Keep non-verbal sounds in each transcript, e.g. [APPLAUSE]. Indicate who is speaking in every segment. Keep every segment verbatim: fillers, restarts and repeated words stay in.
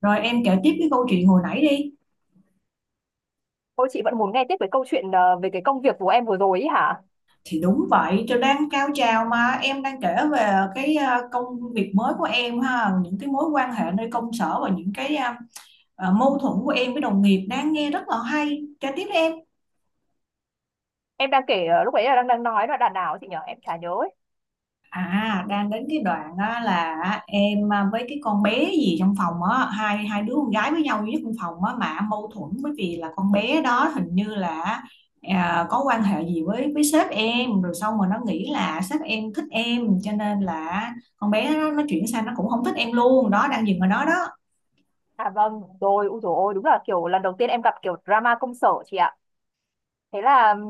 Speaker 1: Rồi em kể tiếp cái câu chuyện hồi nãy đi.
Speaker 2: Ôi chị vẫn muốn nghe tiếp về câu chuyện ờ, về cái công việc của em vừa rồi ý hả?
Speaker 1: Thì đúng vậy, tôi đang cao trào mà em đang kể về cái ờ, công việc mới của em ha, những cái mối quan hệ nơi công sở và những cái ờ, ờ, mâu thuẫn của em với đồng nghiệp, đang nghe rất là hay. Kể tiếp đi em.
Speaker 2: Em đang kể ờ, lúc ấy là đang đang nói là đàn nào ấy chị nhở? Em chả nhớ ấy.
Speaker 1: À, đang đến cái đoạn á, là em à, với cái con bé gì trong phòng á, hai hai đứa con gái với nhau duy nhất trong phòng á mà mâu thuẫn, bởi vì là con bé đó hình như là à, có quan hệ gì với với sếp em, rồi xong rồi nó nghĩ là sếp em thích em cho nên là con bé nó, nó chuyển sang nó cũng không thích em luôn đó, đang dừng ở đó đó.
Speaker 2: À vâng, rồi, ui dồi ôi, đúng là kiểu lần đầu tiên em gặp kiểu drama công sở chị ạ. Thế là ừm,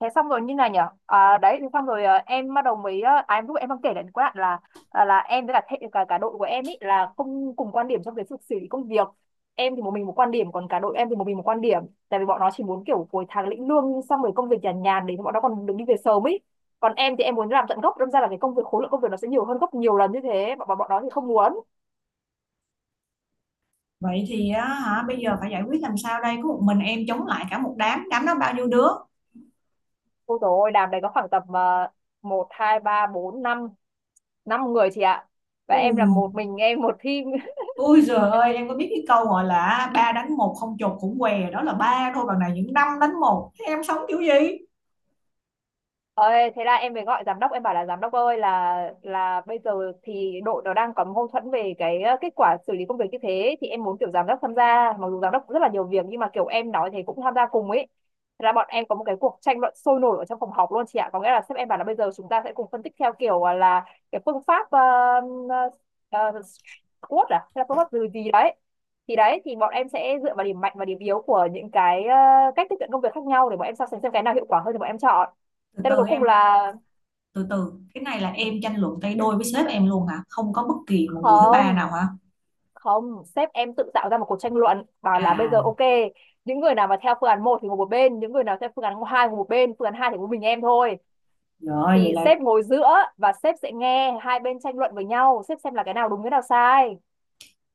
Speaker 2: thế xong rồi như này nhở à, đấy thế xong rồi ờ, em bắt đầu mới ờ, à, em lúc em đang kể đến cái đoạn là à, là em với cả thệ, cả cả đội của em ý là không cùng quan điểm trong cái sự xử lý công việc. Em thì một mình một quan điểm, còn cả đội em thì một mình một quan điểm. Tại vì bọn nó chỉ muốn kiểu cuối tháng lĩnh lương xong rồi công việc nhàn nhàn để bọn nó còn được đi về sớm ý, còn em thì em muốn làm tận gốc, đâm ra là cái công việc khối lượng công việc nó sẽ nhiều hơn gấp nhiều lần như thế, bọn bọn bọn nó thì không muốn.
Speaker 1: Vậy thì á, hả, bây giờ phải giải quyết làm sao đây, có một mình em chống lại cả một đám đám đó, bao nhiêu đứa?
Speaker 2: Ôi dồi ôi, đàm đấy có khoảng tầm ờ, một hai ba bốn năm năm người chị ạ, và em là
Speaker 1: Ui.
Speaker 2: một mình em một team.
Speaker 1: Ui giời ơi, em có biết cái câu gọi là ba đánh một không chột cũng què đó, là ba thôi, còn này những năm đánh một, thế em sống kiểu gì?
Speaker 2: Ơi, thế là em mới gọi giám đốc, em bảo là giám đốc ơi, là là bây giờ thì đội nó đang có mâu thuẫn về cái ờ, kết quả xử lý công việc như thế, thì em muốn kiểu giám đốc tham gia, mặc dù giám đốc rất là nhiều việc nhưng mà kiểu em nói thì cũng tham gia cùng ấy. Thế là bọn em có một cái cuộc tranh luận sôi nổi ở trong phòng họp luôn chị ạ, có nghĩa là sếp em bảo là bây giờ chúng ta sẽ cùng phân tích theo kiểu ờ, là cái phương pháp ờ, ờ, ờ, SWOT à hay là phương pháp gì gì đấy. Thì đấy, thì bọn em sẽ dựa vào điểm mạnh và điểm yếu của những cái ờ, cách tiếp cận công việc khác nhau để bọn em so sánh xem cái nào hiệu quả hơn thì bọn em chọn.
Speaker 1: Từ
Speaker 2: Thế là
Speaker 1: từ
Speaker 2: cuối
Speaker 1: em.
Speaker 2: cùng là
Speaker 1: Từ từ, cái này là em tranh luận tay đôi với sếp em luôn hả, không có bất kỳ một người thứ ba nào
Speaker 2: không,
Speaker 1: hả?
Speaker 2: không, sếp em tự tạo ra một cuộc tranh luận bảo là bây giờ
Speaker 1: À,
Speaker 2: ok, những người nào mà theo phương án một thì ngồi một bên, những người nào theo phương án hai ngồi một bên, phương án hai thì có mình em thôi.
Speaker 1: rồi vậy
Speaker 2: Thì
Speaker 1: là
Speaker 2: sếp ngồi giữa và sếp sẽ nghe hai bên tranh luận với nhau, sếp xem là cái nào đúng cái nào sai.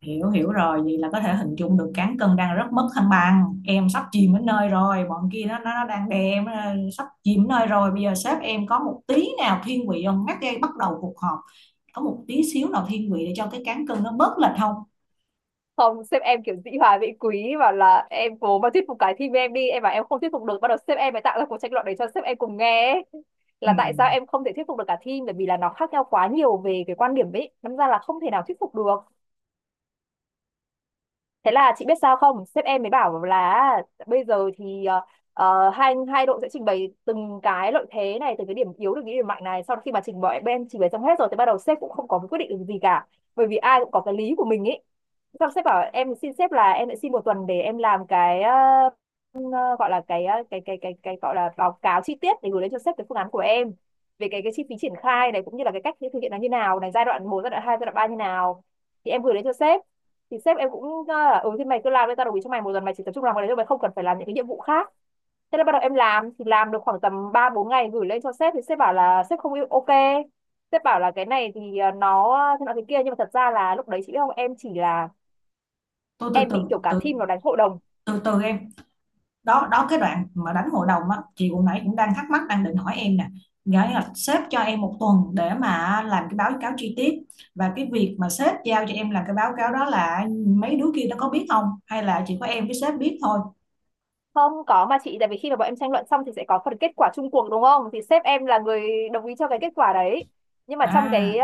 Speaker 1: hiểu, hiểu rồi, vậy là có thể hình dung được cán cân đang rất mất thăng bằng, em sắp chìm đến nơi rồi, bọn kia nó nó, nó đang đè em ờ, sắp chìm đến nơi rồi, bây giờ sếp em có một tí nào thiên vị không, ngắt dây bắt đầu cuộc họp, có một tí xíu nào thiên vị để cho cái cán cân nó bớt lệch không?
Speaker 2: Không, sếp em kiểu dĩ hòa vi quý bảo là em cố mà thuyết phục cái team em đi, em bảo em không thuyết phục được, bắt đầu sếp em mới tạo ra cuộc tranh luận để cho sếp em cùng nghe ấy.
Speaker 1: Ừ.
Speaker 2: Là tại sao em không thể thuyết phục được cả team, bởi vì là nó khác nhau quá nhiều về cái quan điểm ấy, đâm ra là không thể nào thuyết phục được. Thế là chị biết sao không? Sếp em mới bảo là bây giờ thì ờ, ờ, hai hai đội sẽ trình bày từng cái lợi thế này, từng cái điểm yếu, từng cái điểm mạnh này. Sau khi mà trình bày bên trình bày xong hết rồi thì bắt đầu sếp cũng không có quyết định được gì cả. Bởi vì ai cũng có cái lý của mình ý. Xong sếp bảo, em xin sếp là em lại xin một tuần để em làm cái ờ, ờ, gọi là cái ờ, cái cái cái cái gọi là báo cáo chi tiết để gửi lên cho sếp cái phương án của em, về cái cái chi phí triển khai này cũng như là cái cách thực hiện nó như nào này, giai đoạn một giai đoạn hai giai đoạn ba như nào. Thì em gửi đến cho sếp, thì sếp em cũng nói là ừ thì mày cứ làm đi, tao đồng ý cho mày một tuần, mày chỉ tập trung làm cái đấy thôi, mày không cần phải làm những cái nhiệm vụ khác. Thế là bắt đầu em làm thì làm được khoảng tầm ba bốn ngày, gửi lên cho sếp thì sếp bảo là sếp không yêu ok. Sếp bảo là cái này thì ờ, nó thế nào thế kia, nhưng mà thật ra là lúc đấy chị biết không, em chỉ là
Speaker 1: Tôi, từ
Speaker 2: em
Speaker 1: từ
Speaker 2: bị kiểu cả
Speaker 1: từ,
Speaker 2: team nó đánh hội đồng.
Speaker 1: từ từ em. Đó đó, cái đoạn mà đánh hội đồng á, chị hồi nãy cũng đang thắc mắc, đang định hỏi em nè. Nghĩa là sếp cho em một tuần để mà làm cái báo cáo chi tiết, và cái việc mà sếp giao cho em làm cái báo cáo đó là mấy đứa kia nó có biết không hay là chỉ có em với sếp biết thôi?
Speaker 2: Không có mà chị, tại vì khi mà bọn em tranh luận xong thì sẽ có phần kết quả chung cuộc đúng không, thì sếp em là người đồng ý cho cái kết quả đấy, nhưng mà trong cái
Speaker 1: À,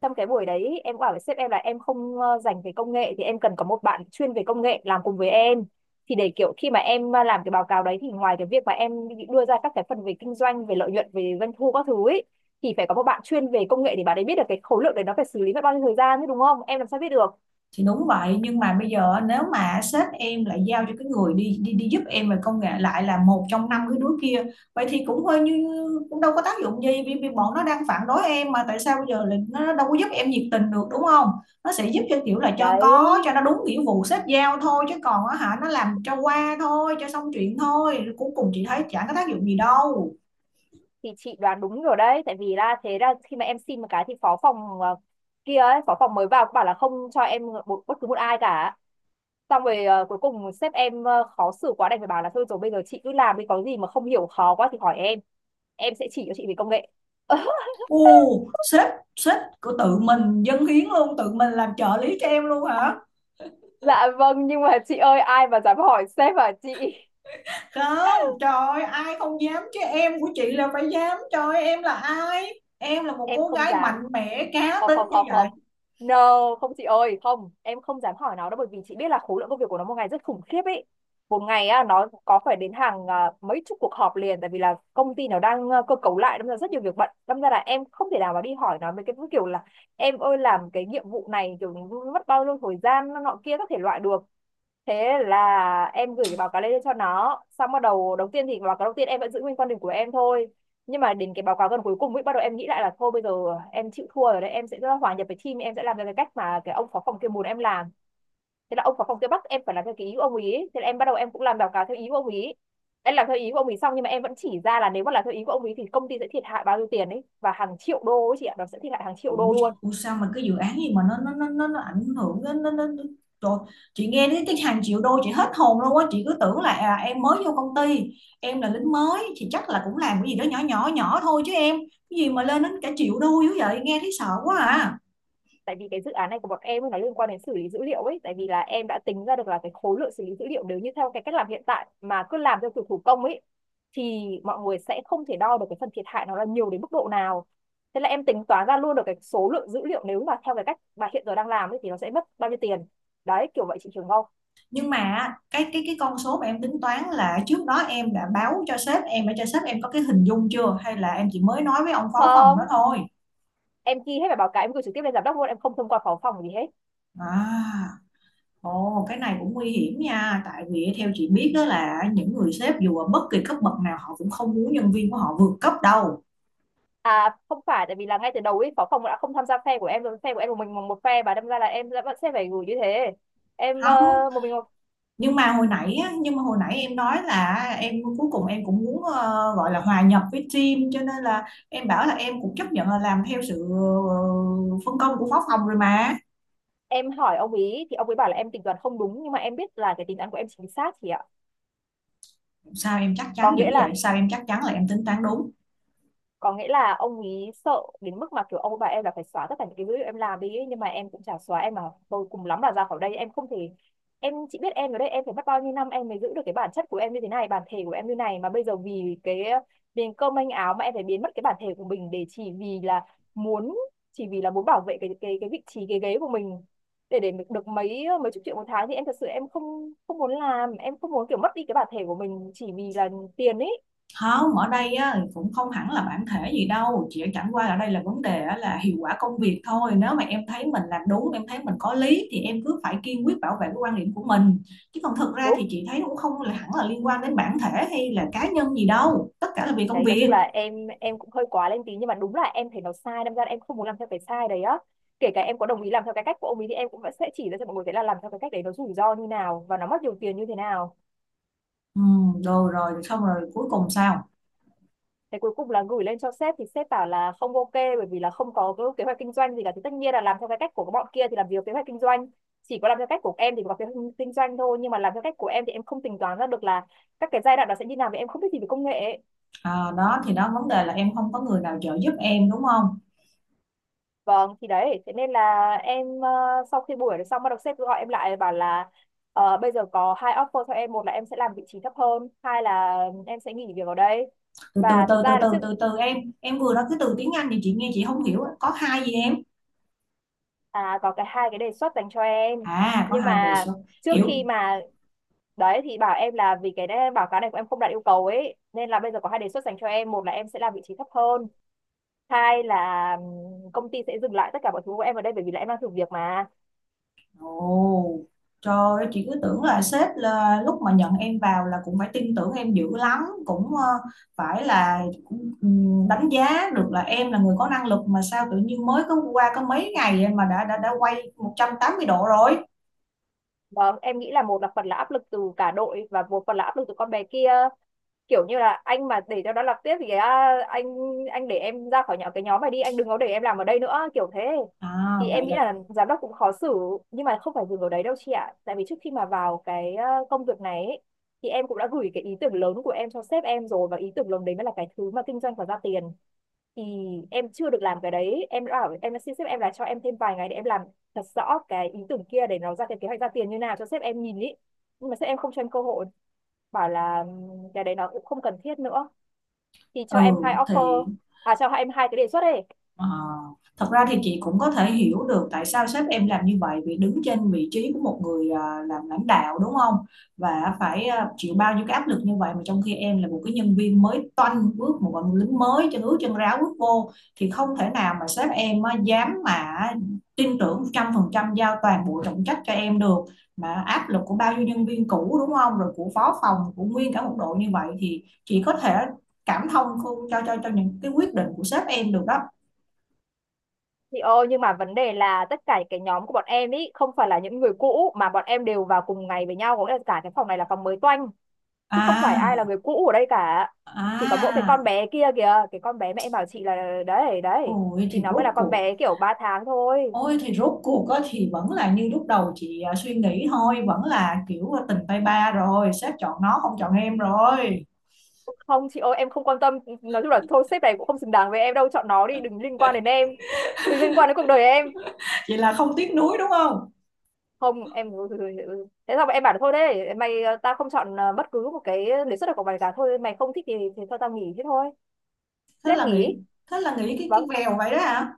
Speaker 2: trong cái buổi đấy em cũng bảo với sếp em là em không ờ, dành về công nghệ, thì em cần có một bạn chuyên về công nghệ làm cùng với em. Thì để kiểu khi mà em ờ, làm cái báo cáo đấy thì ngoài cái việc mà em đưa ra các cái phần về kinh doanh về lợi nhuận về doanh thu các thứ ấy, thì phải có một bạn chuyên về công nghệ để bạn ấy biết được cái khối lượng đấy nó phải xử lý mất bao nhiêu thời gian chứ đúng không, em làm sao biết được.
Speaker 1: thì đúng vậy, nhưng mà bây giờ nếu mà sếp em lại giao cho cái người đi đi đi giúp em về công nghệ lại là một trong năm cái đứa kia, vậy thì cũng hơi như, cũng đâu có tác dụng gì, vì, vì bọn nó đang phản đối em mà, tại sao bây giờ lại nó đâu có giúp em nhiệt tình được, đúng không? Nó sẽ giúp cho kiểu là cho
Speaker 2: Đấy
Speaker 1: có, cho nó đúng nghĩa vụ sếp giao thôi, chứ còn á hả, nó làm cho qua thôi, cho xong chuyện thôi, cuối cùng chị thấy chẳng có tác dụng gì đâu.
Speaker 2: thì chị đoán đúng rồi đấy, tại vì là thế là khi mà em xin một cái thì phó phòng ờ, kia ấy, phó phòng mới vào cũng bảo là không cho em một bất cứ một ai cả. Xong rồi ờ, cuối cùng sếp em ờ, khó xử quá đành phải bảo là thôi rồi bây giờ chị cứ làm đi, có gì mà không hiểu khó quá thì hỏi em em sẽ chỉ cho chị về công nghệ. [LAUGHS]
Speaker 1: U sếp, sếp của tự mình dâng hiến luôn, tự mình làm trợ lý cho em luôn hả?
Speaker 2: Dạ vâng, nhưng mà chị ơi ai mà dám hỏi sếp à chị?
Speaker 1: Không, trời ơi, ai không dám chứ em của chị là phải dám. Trời ơi, em là ai, em là một
Speaker 2: Em
Speaker 1: cô
Speaker 2: không
Speaker 1: gái mạnh
Speaker 2: dám.
Speaker 1: mẽ cá
Speaker 2: Không,
Speaker 1: tính
Speaker 2: không,
Speaker 1: như
Speaker 2: không,
Speaker 1: vậy.
Speaker 2: không, no, không chị ơi, không em không dám hỏi nó đâu, bởi vì chị biết là khối lượng công việc của nó một ngày rất khủng khiếp ấy. Một ngày á nó có phải đến hàng à, mấy chục cuộc họp liền, tại vì là công ty nó đang à, cơ cấu lại, đâm ra rất nhiều việc bận, đâm ra là em không thể nào mà đi hỏi nó mấy cái kiểu là em ơi làm cái nhiệm vụ này kiểu mất bao nhiêu thời gian nọ kia các thể loại được. Thế là em gửi cái báo cáo lên cho nó xong, bắt đầu đầu tiên thì báo cáo đầu tiên em vẫn giữ nguyên quan điểm của em thôi. Nhưng mà đến cái báo cáo gần cuối cùng ấy, bắt đầu em nghĩ lại là thôi bây giờ em chịu thua rồi đấy, em sẽ rất là hòa nhập với team, em sẽ làm theo cái cách mà cái ông phó phòng kia muốn em làm. Thế là ông phó phòng kia bắt em phải làm theo cái ý của ông ý, thế là em bắt đầu em cũng làm báo cáo theo ý của ông ý. Em làm theo ý của ông ý xong, nhưng mà em vẫn chỉ ra là nếu mà làm theo ý của ông ý thì công ty sẽ thiệt hại bao nhiêu tiền ấy, và hàng triệu đô ấy chị ạ, nó sẽ thiệt hại hàng triệu
Speaker 1: Ủa,
Speaker 2: đô luôn.
Speaker 1: ủa sao mà cái dự án gì mà nó nó nó nó, nó ảnh hưởng đến nó, nó, nó. Trời, chị nghe đến cái hàng triệu đô chị hết hồn luôn á, chị cứ tưởng là à, em mới vô công ty, em là lính mới thì chắc là cũng làm cái gì đó nhỏ nhỏ nhỏ thôi chứ em, cái gì mà lên đến cả triệu đô dữ vậy, nghe thấy sợ quá à.
Speaker 2: Tại vì cái dự án này của bọn em ấy, nó liên quan đến xử lý dữ liệu ấy, tại vì là em đã tính ra được là cái khối lượng xử lý dữ liệu nếu như theo cái cách làm hiện tại mà cứ làm theo kiểu thủ công ấy thì mọi người sẽ không thể đo được cái phần thiệt hại nó là nhiều đến mức độ nào. Thế là em tính toán ra luôn được cái số lượng dữ liệu nếu mà theo cái cách mà hiện giờ đang làm ấy thì nó sẽ mất bao nhiêu tiền. Đấy kiểu vậy chị Trường không?
Speaker 1: Nhưng mà cái cái cái con số mà em tính toán là trước đó em đã báo cho sếp em để cho sếp em có cái hình dung chưa, hay là em chỉ mới nói với ông phó phòng đó
Speaker 2: Không,
Speaker 1: thôi?
Speaker 2: em ghi hết bài báo cáo em gửi trực tiếp lên giám đốc luôn, em không thông qua phó phòng gì hết.
Speaker 1: À, ồ, cái này cũng nguy hiểm nha, tại vì theo chị biết đó là những người sếp dù ở bất kỳ cấp bậc nào họ cũng không muốn nhân viên của họ vượt cấp đâu.
Speaker 2: À không phải, tại vì là ngay từ đầu ấy phó phòng đã không tham gia phe của em rồi, phe của em một mình một một phe, và đâm ra là em đã vẫn sẽ phải gửi như thế. Em
Speaker 1: Không,
Speaker 2: ờ, một mình một.
Speaker 1: nhưng mà hồi nãy á, nhưng mà hồi nãy em nói là em cuối cùng em cũng muốn ờ, gọi là hòa nhập với team, cho nên là em bảo là em cũng chấp nhận là làm theo sự ờ, phân công của phó phòng rồi mà.
Speaker 2: Em hỏi ông ý thì ông ấy bảo là em tính toán không đúng, nhưng mà em biết là cái tính toán của em chính xác chị ạ.
Speaker 1: Sao em chắc
Speaker 2: có
Speaker 1: chắn dữ
Speaker 2: nghĩa
Speaker 1: vậy,
Speaker 2: là
Speaker 1: sao em chắc chắn là em tính toán đúng?
Speaker 2: có nghĩa là ông ấy sợ đến mức mà kiểu ông bà em là phải xóa tất cả những cái dữ em làm đi ấy. Nhưng mà em cũng chả xóa. Em mà tôi cùng lắm là ra khỏi đây, em không thể. Em chỉ biết em ở đây em phải mất bao nhiêu năm em mới giữ được cái bản chất của em như thế này, bản thể của em như này, mà bây giờ vì cái miếng cơm manh áo mà em phải biến mất cái bản thể của mình để chỉ vì là muốn, chỉ vì là muốn bảo vệ cái cái cái vị trí, cái ghế của mình, để để được mấy mấy chục triệu một tháng, thì em thật sự em không không muốn làm, em không muốn kiểu mất đi cái bản thể của mình chỉ vì là tiền ấy.
Speaker 1: Không, ở đây á, cũng không hẳn là bản thể gì đâu, chỉ chẳng qua ở đây là vấn đề á, là hiệu quả công việc thôi, nếu mà em thấy mình làm đúng, em thấy mình có lý thì em cứ phải kiên quyết bảo vệ cái quan điểm của mình. Chứ còn thực ra
Speaker 2: Đúng.
Speaker 1: thì chị thấy cũng không là hẳn là liên quan đến bản thể hay là cá nhân gì đâu, tất cả là vì
Speaker 2: Thì
Speaker 1: công
Speaker 2: đấy, nói chung
Speaker 1: việc.
Speaker 2: là em em cũng hơi quá lên tí, nhưng mà đúng là em thấy nó sai, đâm ra là em không muốn làm theo cái sai đấy á. Kể cả em có đồng ý làm theo cái cách của ông ấy thì em cũng vẫn sẽ chỉ ra cho mọi người thấy là làm theo cái cách đấy nó rủi ro như nào và nó mất nhiều tiền như thế nào.
Speaker 1: Ừ, rồi rồi xong rồi, cuối cùng sao?
Speaker 2: Thế cuối cùng là gửi lên cho sếp thì sếp bảo là không ok, bởi vì là không có cái kế hoạch kinh doanh gì cả. Thì tất nhiên là làm theo cái cách của bọn kia thì làm gì có kế hoạch kinh doanh, chỉ có làm theo cách của em thì có kế hoạch kinh doanh thôi. Nhưng mà làm theo cách của em thì em không tính toán ra được là các cái giai đoạn đó sẽ như nào, vì em không biết gì về công nghệ ấy.
Speaker 1: À, đó thì đó, vấn đề là em không có người nào trợ giúp em, đúng không?
Speaker 2: Vâng, thì đấy, thế nên là em ờ, sau khi buổi đấy xong bắt đầu sếp gọi em lại bảo là ờ, bây giờ có hai offer cho em, một là em sẽ làm vị trí thấp hơn, hai là em sẽ nghỉ việc ở đây.
Speaker 1: Từ từ
Speaker 2: Và
Speaker 1: từ
Speaker 2: thật
Speaker 1: từ
Speaker 2: ra là
Speaker 1: từ
Speaker 2: trước,
Speaker 1: từ từ em em vừa nói cái từ tiếng Anh thì chị nghe chị không hiểu á. Có hai gì em?
Speaker 2: à, có cái hai cái đề xuất dành cho em.
Speaker 1: À, có
Speaker 2: Nhưng
Speaker 1: hai đề
Speaker 2: mà
Speaker 1: xuất,
Speaker 2: trước
Speaker 1: kiểu.
Speaker 2: khi mà đấy thì bảo em là vì cái đấy, báo cáo này của em không đạt yêu cầu ấy, nên là bây giờ có hai đề xuất dành cho em, một là em sẽ làm vị trí thấp hơn, hai là ừm, công ty sẽ dừng lại tất cả mọi thứ của em ở đây bởi vì là em đang thử việc mà.
Speaker 1: Ồ, trời ơi, chị cứ tưởng là sếp là lúc mà nhận em vào là cũng phải tin tưởng em dữ lắm, cũng ờ, phải là cũng, ừm, đánh giá được là em là người có năng lực, mà sao tự nhiên mới có qua có mấy ngày mà đã đã đã quay một trăm tám mươi độ rồi?
Speaker 2: Vâng, em nghĩ là một là phần là áp lực từ cả đội và một phần là áp lực từ con bé kia, kiểu như là anh mà để cho nó làm tiếp thì cái, à, anh anh để em ra khỏi nhỏ cái nhóm này đi, anh đừng có để em làm ở đây nữa, kiểu thế.
Speaker 1: À
Speaker 2: Thì em
Speaker 1: vậy
Speaker 2: nghĩ
Speaker 1: là,
Speaker 2: là giám đốc cũng khó xử. Nhưng mà không phải dừng ở đấy đâu chị ạ, tại vì trước khi mà vào cái ờ, công việc này ấy, thì em cũng đã gửi cái ý tưởng lớn của em cho sếp em rồi, và ý tưởng lớn đấy mới là cái thứ mà kinh doanh và ra tiền. Thì em chưa được làm cái đấy, em đã bảo em đã xin sếp em là cho em thêm vài ngày để em làm thật rõ cái ý tưởng kia để nó ra cái kế hoạch ra tiền như nào cho sếp em nhìn ý, nhưng mà sếp em không cho em cơ hội, bảo là "Ừm, cái đấy nó cũng không cần thiết nữa, thì
Speaker 1: ừ
Speaker 2: cho em hai
Speaker 1: thì.
Speaker 2: offer." À, cho em hai cái đề xuất ấy.
Speaker 1: Ờ, thật ra thì chị cũng có thể hiểu được tại sao sếp em làm như vậy, vì đứng trên vị trí của một người à, làm lãnh đạo, đúng không? Và phải à, chịu bao nhiêu cái áp lực như vậy, mà trong khi em là một cái nhân viên mới toanh, bước một bạn lính mới chân ướt chân ráo bước vô, thì không thể nào mà sếp em á, dám mà tin tưởng một trăm phần trăm giao toàn bộ trọng trách cho em được. Mà áp lực của bao nhiêu nhân viên cũ, đúng không? Rồi của phó phòng, của nguyên cả một đội như vậy, thì chị có thể cảm thông không, cho cho cho những cái quyết định của sếp em được đó.
Speaker 2: Thì ô, nhưng mà vấn đề là tất cả cái nhóm của bọn em ý không phải là những người cũ, mà bọn em đều vào cùng ngày với nhau, có nghĩa là cả cái phòng này là phòng mới toanh, chứ không phải ai
Speaker 1: À,
Speaker 2: là người cũ ở đây cả. Chỉ có mỗi cái
Speaker 1: à,
Speaker 2: con bé kia kìa, cái con bé mẹ em bảo chị là đấy đấy,
Speaker 1: ôi
Speaker 2: thì
Speaker 1: thì
Speaker 2: nó mới
Speaker 1: rốt
Speaker 2: là con
Speaker 1: cuộc,
Speaker 2: bé kiểu ba tháng thôi.
Speaker 1: ôi thì rốt cuộc á, thì vẫn là như lúc đầu chị à, suy nghĩ thôi, vẫn là kiểu tình tay ba rồi, sếp chọn nó không chọn em rồi.
Speaker 2: Không chị ơi, em không quan tâm. Nói chung là thôi, sếp này cũng không xứng đáng với em đâu, chọn nó đi, đừng liên quan đến em, đừng liên quan đến cuộc đời em.
Speaker 1: Vậy là không tiếc nuối đúng không?
Speaker 2: Không, em ừ, ừ, ừ, ừ. Thế sao em bảo là thôi đấy mày, ờ, tao không chọn ờ, bất cứ một cái đề xuất nào của mày cả, thôi mày không thích thì thì thôi tao nghỉ, thế thôi. Thế
Speaker 1: Thế
Speaker 2: em
Speaker 1: là nghĩ,
Speaker 2: nghỉ.
Speaker 1: thế là nghĩ cái
Speaker 2: và
Speaker 1: cái vèo vậy đó hả?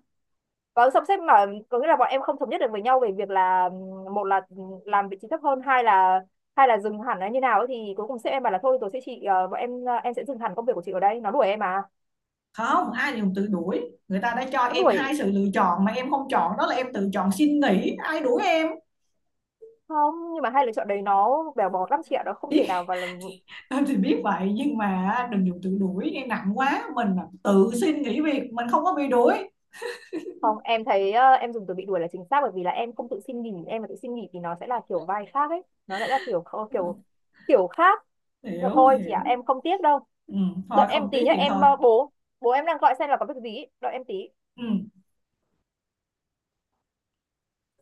Speaker 2: và xong xếp mà có nghĩa là bọn em không thống nhất được với nhau về việc là ừm, một là làm vị trí thấp hơn, hai là, hai là dừng hẳn là như nào ấy, thì cuối cùng sếp em bảo là thôi tôi sẽ chị ờ, bọn em ờ, em sẽ dừng hẳn công việc của chị ở đây. Nó đuổi em à?
Speaker 1: Không, ai dùng tự đuổi, người ta đã cho
Speaker 2: Nó
Speaker 1: em
Speaker 2: đuổi.
Speaker 1: hai sự lựa chọn mà em không chọn, đó là em tự chọn xin nghỉ, ai đuổi em?
Speaker 2: Không nhưng mà hai lựa chọn đấy nó bèo bọt lắm chị ạ, nó không thể
Speaker 1: Biết,
Speaker 2: nào và.
Speaker 1: [LAUGHS] em thì biết vậy nhưng mà đừng dùng tự đuổi, nghe nặng quá, mình là tự xin nghỉ việc, mình không có bị đuổi.
Speaker 2: Không, em thấy ờ, em dùng từ bị đuổi là chính xác, bởi vì là em không tự xin nghỉ, em mà tự xin nghỉ thì nó sẽ là kiểu vai khác ấy, nó sẽ là kiểu, kiểu, kiểu khác. Mà
Speaker 1: Hiểu,
Speaker 2: thôi chị
Speaker 1: hiểu.
Speaker 2: ạ, em không tiếc đâu.
Speaker 1: Ừ,
Speaker 2: Đợi
Speaker 1: thôi
Speaker 2: em
Speaker 1: không
Speaker 2: tí
Speaker 1: tiếc
Speaker 2: nhá,
Speaker 1: thì
Speaker 2: em
Speaker 1: thôi.
Speaker 2: ờ, bố bố em đang gọi xem là có việc gì, ý. Đợi em tí.
Speaker 1: Ừ.